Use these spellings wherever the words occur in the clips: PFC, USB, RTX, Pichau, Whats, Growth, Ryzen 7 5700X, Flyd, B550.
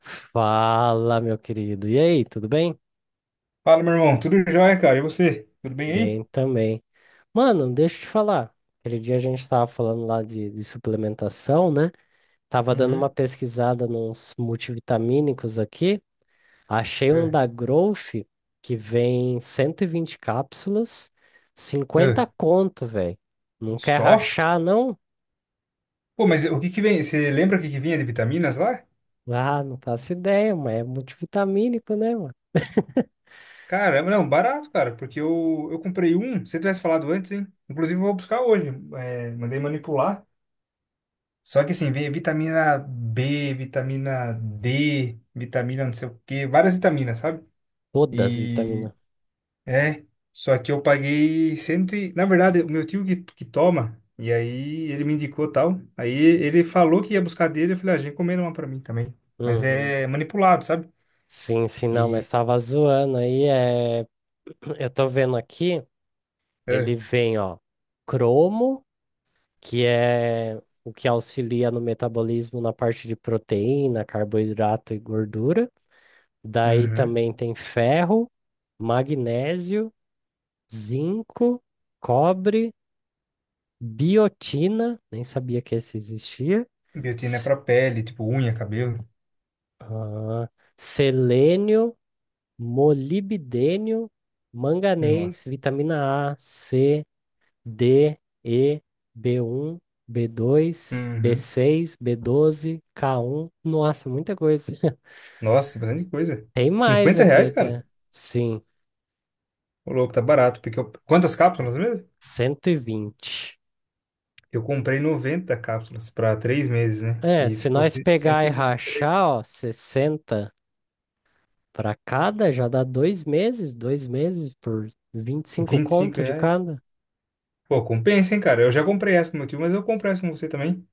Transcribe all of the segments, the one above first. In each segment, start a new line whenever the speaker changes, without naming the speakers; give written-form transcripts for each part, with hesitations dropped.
Fala, meu querido. E aí, tudo bem?
Fala, meu irmão. Tudo jóia, cara? E você? Tudo bem aí?
Bem também. Mano, deixa eu te falar. Aquele dia a gente tava falando lá de suplementação, né? Tava dando uma
Uhum.
pesquisada nos multivitamínicos aqui. Achei um
É.
da Growth que vem 120 cápsulas,
É.
50 conto, velho. Não quer
Só?
rachar, não?
Pô, mas o que que vem? Você lembra o que que vinha de vitaminas lá?
Ah, não faço ideia, mas é multivitamínico, né, mano?
Caramba, não, barato, cara, porque eu comprei um. Se você tivesse falado antes, hein? Inclusive, eu vou buscar hoje. É, mandei manipular. Só que assim, vem vitamina B, vitamina D, vitamina não sei o quê, várias vitaminas, sabe?
Todas as
E
vitaminas.
é, só que eu paguei cento e... Na verdade, o meu tio que toma, e aí ele me indicou tal. Aí ele falou que ia buscar dele, eu falei, ah, já encomenda uma pra mim também. Mas
Uhum.
é manipulado, sabe?
Sim, sim, não, mas
E...
tava zoando aí. É. Eu tô vendo aqui, ele
É.
vem, ó, cromo, que é o que auxilia no metabolismo na parte de proteína, carboidrato e gordura. Daí
Uhum.
também tem ferro, magnésio, zinco, cobre, biotina, nem sabia que esse existia.
Biotina é
s-
pra pele, tipo unha, cabelo.
ah, Selênio, molibdênio, manganês,
Nossa.
vitamina A, C, D, E, b um, b dois, b
Uhum.
seis, b doze, K1. Nossa, muita coisa.
Nossa, bastante coisa.
Tem mais
50
aqui
reais, cara?
até. Sim,
Ô, louco, tá barato. Porque eu... Quantas cápsulas mesmo?
120.
Eu comprei 90 cápsulas pra 3 meses, né?
É,
E
se
ficou
nós
cento
pegar e
e vinte e
rachar,
três.
ó, 60 para cada, já dá 2 meses, 2 meses por 25
vinte e cinco
conto de
reais.
cada.
Pô, compensa, hein, cara? Eu já comprei essa com meu tio, mas eu compro essa com você também.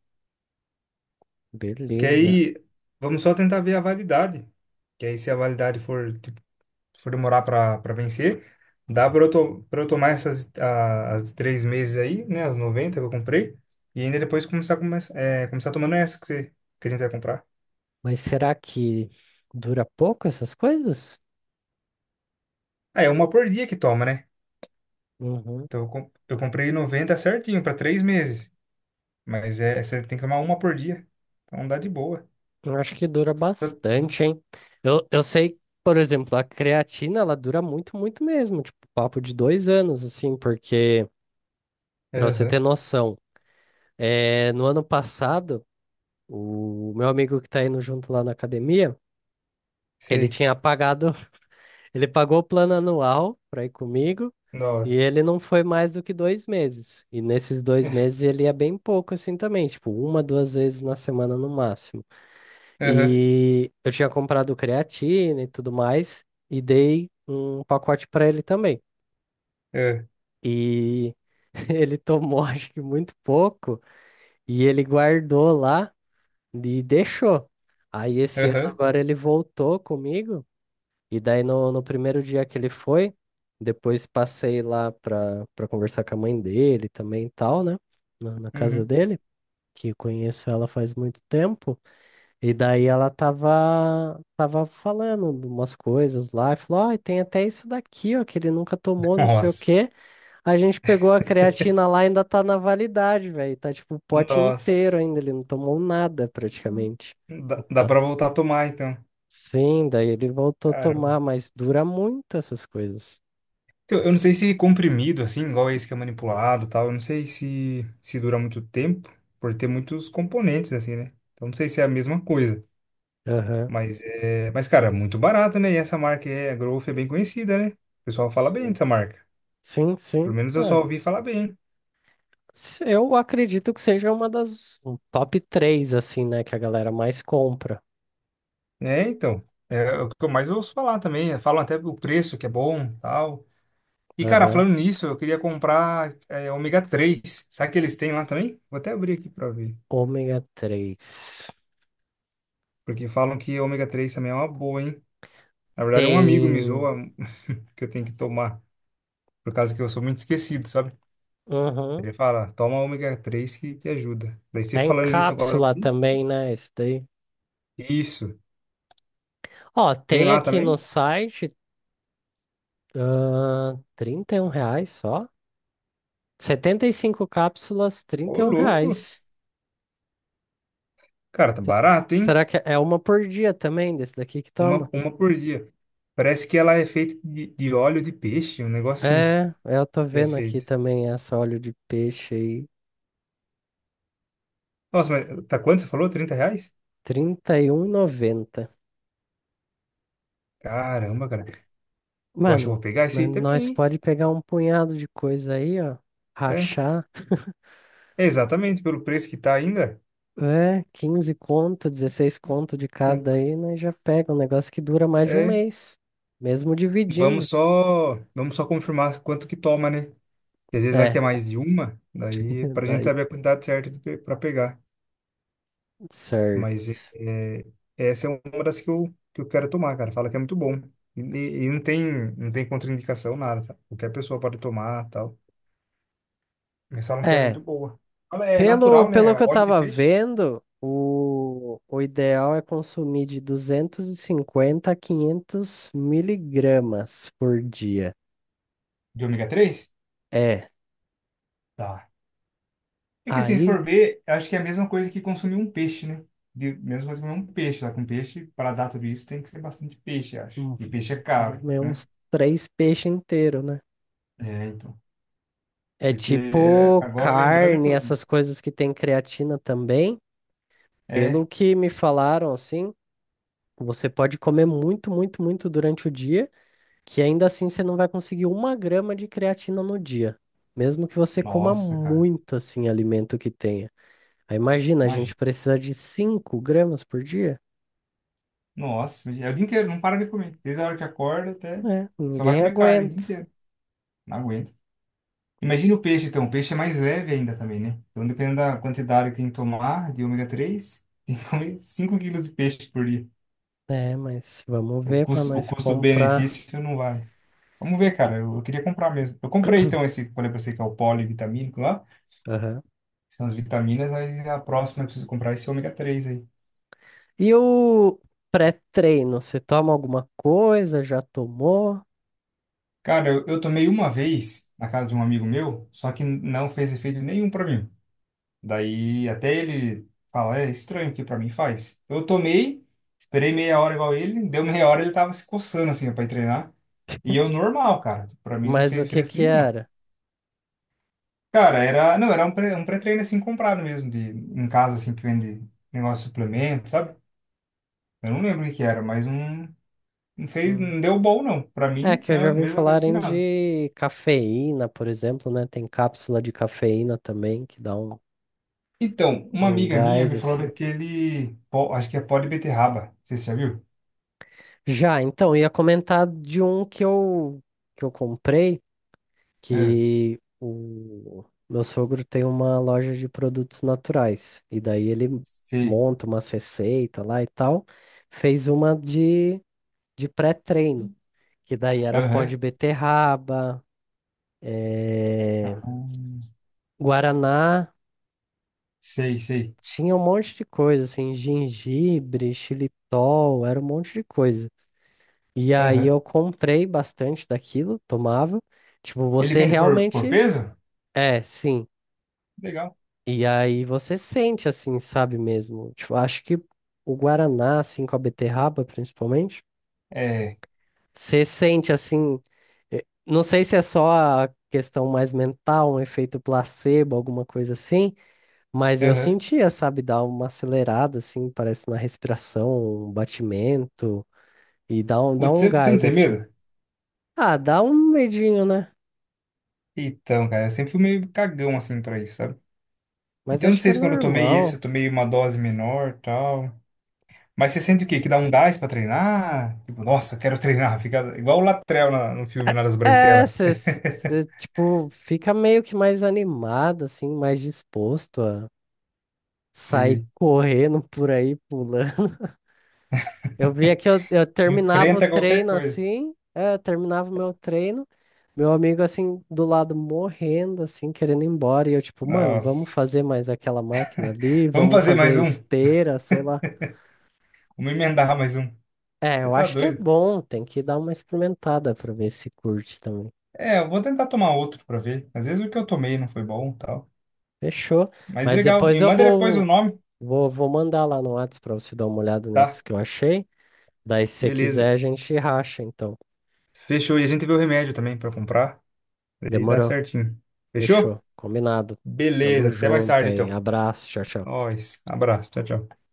Porque
Beleza.
aí vamos só tentar ver a validade. Que aí, se a validade for, tipo, for demorar pra vencer, dá pra eu, to pra eu tomar as de 3 meses aí, né? As 90 que eu comprei. E ainda depois começar tomando essa que, você, que a gente vai comprar.
Mas será que dura pouco essas coisas?
Ah, é uma por dia que toma, né?
Uhum.
Então eu comprei 90 certinho pra 3 meses. Mas é, você tem que tomar uma por dia. Então dá de boa.
Eu acho que dura bastante, hein? Eu sei, por exemplo, a creatina, ela dura muito, muito mesmo, tipo, papo de 2 anos, assim, porque, pra você ter
Aham,
noção, é, no ano passado, o meu amigo que tá indo junto lá na academia, ele
sei.
tinha pagado, ele pagou o plano anual pra ir comigo, e
Nossa.
ele não foi mais do que 2 meses. E nesses dois meses ele ia bem pouco, assim, também, tipo, uma, duas vezes na semana no máximo.
Aham,
E eu tinha comprado creatina e tudo mais, e dei um pacote para ele também.
é,
E ele tomou, acho que muito pouco, e ele guardou lá e deixou. Aí esse ano
aham,
agora ele voltou comigo, e daí no primeiro dia que ele foi, depois passei lá para conversar com a mãe dele também e tal, né? Na casa
uhum.
dele, que eu conheço ela faz muito tempo. E daí ela tava falando de umas coisas lá e falou: ai tem até isso daqui, ó, que ele nunca tomou, não sei o
Nossa,
quê. A gente pegou a creatina lá e ainda tá na validade, velho. Tá tipo o pote inteiro
nossa.
ainda, ele não tomou nada praticamente.
Dá, dá
Então,
pra voltar a tomar, então.
sim, daí ele voltou a tomar,
Caramba.
mas dura muito essas coisas.
Então, eu não sei se comprimido, assim, igual esse que é manipulado e tal, eu não sei se dura muito tempo, por ter muitos componentes, assim, né? Então, não sei se é a mesma coisa.
Aham.
Mas, é, mas cara, é muito barato, né? E essa marca é, a Growth é bem conhecida, né? O pessoal fala bem
Sim,
dessa marca.
sim.
Pelo
Sim.
menos eu só
É,
ouvi falar bem.
eu acredito que seja uma das um top três assim, né, que a galera mais compra.
É, então. É o que eu mais ouço falar também. Falam até o preço que é bom, tal. E, cara,
Aham.
falando nisso, eu queria comprar é, ômega 3. Sabe que eles têm lá também? Vou até abrir aqui pra ver.
Ômega três.
Porque falam que ômega 3 também é uma boa, hein? Na verdade, um amigo me
Tem.
zoa que eu tenho que tomar. Por causa que eu sou muito esquecido, sabe?
Uhum.
Ele fala, toma ômega 3 que ajuda. Daí você
É em
falando nisso agora.
cápsula também, né? Esse daí.
Isso.
Ó,
Tem
tem
lá
aqui no
também?
site, ah, R$ 31 só. 75 cápsulas, trinta
Ô,
e um
louco.
reais.
Cara, tá
Se-
barato, hein?
Será que é uma por dia também desse daqui que
Uma,
toma?
uma por dia. Parece que ela é feita de óleo de peixe, um negócio assim
É, eu tô
que é
vendo aqui
feito.
também essa óleo de peixe aí,
Nossa, mas tá quanto você falou? 30 reais?
trinta e R$ noventa.
Caramba, cara. Eu acho que eu
Mano,
vou pegar esse aí também,
nós
hein?
pode pegar um punhado de coisa aí, ó,
É,
rachar.
é exatamente, pelo preço que tá ainda,
É, 15 conto, 16 conto de
tem,
cada aí, né? Já pega um negócio que dura mais de um
é,
mês, mesmo dividindo.
vamos só confirmar quanto que toma, né? Porque às vezes vai que é
É,
mais de uma, daí pra gente
daí
saber a quantidade certa de pe- pra pegar.
certo.
Mas é, é, essa é uma das que eu quero tomar, cara. Fala que é muito bom. E não tem contraindicação, nada, tá? Qualquer pessoa pode tomar, tal. Mas falam que é
É,
muito boa. Fala, é
pelo,
natural, né?
pelo que eu
Óleo de
tava
peixe.
vendo, o ideal é consumir de 250 a 500 miligramas por dia.
De ômega 3.
É,
Tá. É que assim, se
aí
for ver, eu acho que é a mesma coisa que consumir um peixe, né? De, mesma coisa que comer um peixe, só que um peixe, para dar tudo isso, tem que ser bastante peixe, eu acho.
hum,
E
tem
peixe é
que
caro,
comer
né?
uns três peixes inteiros, né?
É, então.
É
Porque é,
tipo
agora, lembrando que
carne,
eu vi.
essas coisas que tem creatina também. Pelo
É,
que me falaram, assim, você pode comer muito, muito, muito durante o dia, que ainda assim você não vai conseguir uma grama de creatina no dia, mesmo que você coma
nossa, cara.
muito, assim, alimento que tenha. Aí imagina, a gente
Imagina.
precisa de 5 gramas por dia?
Nossa, imagina. É o dia inteiro, não para de comer. Desde a hora que acorda até.
É,
Só vai
ninguém
comer carne o dia
aguenta.
inteiro. Não aguento. Imagina o peixe, então. O peixe é mais leve ainda também, né? Então, dependendo da quantidade que tem que tomar de ômega 3, tem que comer 5 quilos de peixe por dia.
É, mas vamos
O
ver para
custo, o
nós comprar.
custo-benefício não vai. Vamos ver, cara. Eu queria comprar mesmo. Eu comprei então esse que eu falei pra você que é o polivitamínico lá.
Aham.
Que são as vitaminas, aí a próxima eu preciso comprar é esse ômega três aí.
E o pré-treino, você toma alguma coisa? Já tomou?
Cara, eu tomei uma vez na casa de um amigo meu, só que não fez efeito nenhum pra mim. Daí até ele fala, é estranho o que pra mim faz. Eu tomei, esperei meia hora igual ele, deu meia hora ele tava se coçando assim ó, pra ir treinar. E eu normal, cara. Pra mim não
Mas
fez
o que
diferença
que
nenhuma.
era?
Cara, era, não, era um pré-treino assim comprado mesmo, de, em casa assim que vende negócio de suplemento, sabe? Eu não lembro o que que era, mas não, não fez,
Hum.
não deu bom não. Pra
É
mim,
que eu já
mesma
ouvi
mesma coisa que
falarem
nada.
de cafeína, por exemplo, né? Tem cápsula de cafeína também que dá um,
Então, uma
um
amiga minha
gás
me falou
assim.
daquele, pó- acho que é pó de beterraba, não sei se você já viu?
Já, então, ia comentar de um que eu comprei,
É,
que o meu sogro tem uma loja de produtos naturais e daí ele
sei,
monta uma receita lá e tal, fez uma de pré-treino, que daí era pó
aham,
de beterraba, é,
hum,
guaraná.
sei, sei,
Tinha um monte de coisa, assim, gengibre, xilitol, era um monte de coisa. E aí
aham.
eu comprei bastante daquilo, tomava. Tipo,
Ele
você
vende por
realmente.
peso?
É, sim.
Legal.
E aí você sente, assim, sabe mesmo? Tipo, acho que o Guaraná, assim, com a beterraba, principalmente,
É,
você sente, assim. Não sei se é só a questão mais mental, um efeito placebo, alguma coisa assim. Mas eu
aham.
sentia, sabe, dar uma acelerada, assim, parece na respiração, um batimento, e dá um, dá
Putz,
um
Você não
gás,
tem
assim.
medo?
Ah, dá um medinho, né?
Então, cara, eu sempre fui meio cagão assim pra isso, sabe?
Mas
Então, não
acho que é
sei se quando eu tomei esse, eu
normal.
tomei uma dose menor, tal. Mas você sente o quê? Que dá um gás pra treinar? Tipo, nossa, quero treinar. Fica igual o Latrell na- no filme lá das
É,
Branquelas.
você, tipo, fica meio que mais animado, assim, mais disposto a sair
Você
correndo por aí, pulando. Eu via que eu terminava o
enfrenta qualquer
treino,
coisa.
assim, é, eu terminava o meu treino. Meu amigo, assim, do lado morrendo, assim, querendo ir embora. E eu, tipo, mano, vamos
Nossa.
fazer mais aquela máquina ali,
Vamos
vamos
fazer mais
fazer
um.
esteira, sei lá.
Vamos emendar mais um.
É,
Você
eu
tá
acho que é
doido?
bom, tem que dar uma experimentada pra ver se curte também.
É, eu vou tentar tomar outro pra ver. Às vezes o que eu tomei não foi bom, tal.
Fechou.
Mas
Mas
legal. Me
depois eu
manda depois o nome,
vou mandar lá no Whats pra você dar uma olhada
tá?
nesses que eu achei. Daí, se você
Beleza.
quiser, a gente racha, então.
Fechou. E a gente vê o remédio também pra comprar. Aí dá
Demorou.
certinho.
Fechou.
Fechou?
Combinado. Tamo
Beleza. Até mais
junto
tarde,
aí.
então.
Abraço. Tchau, tchau.
Nós. Abraço. Tchau, tchau.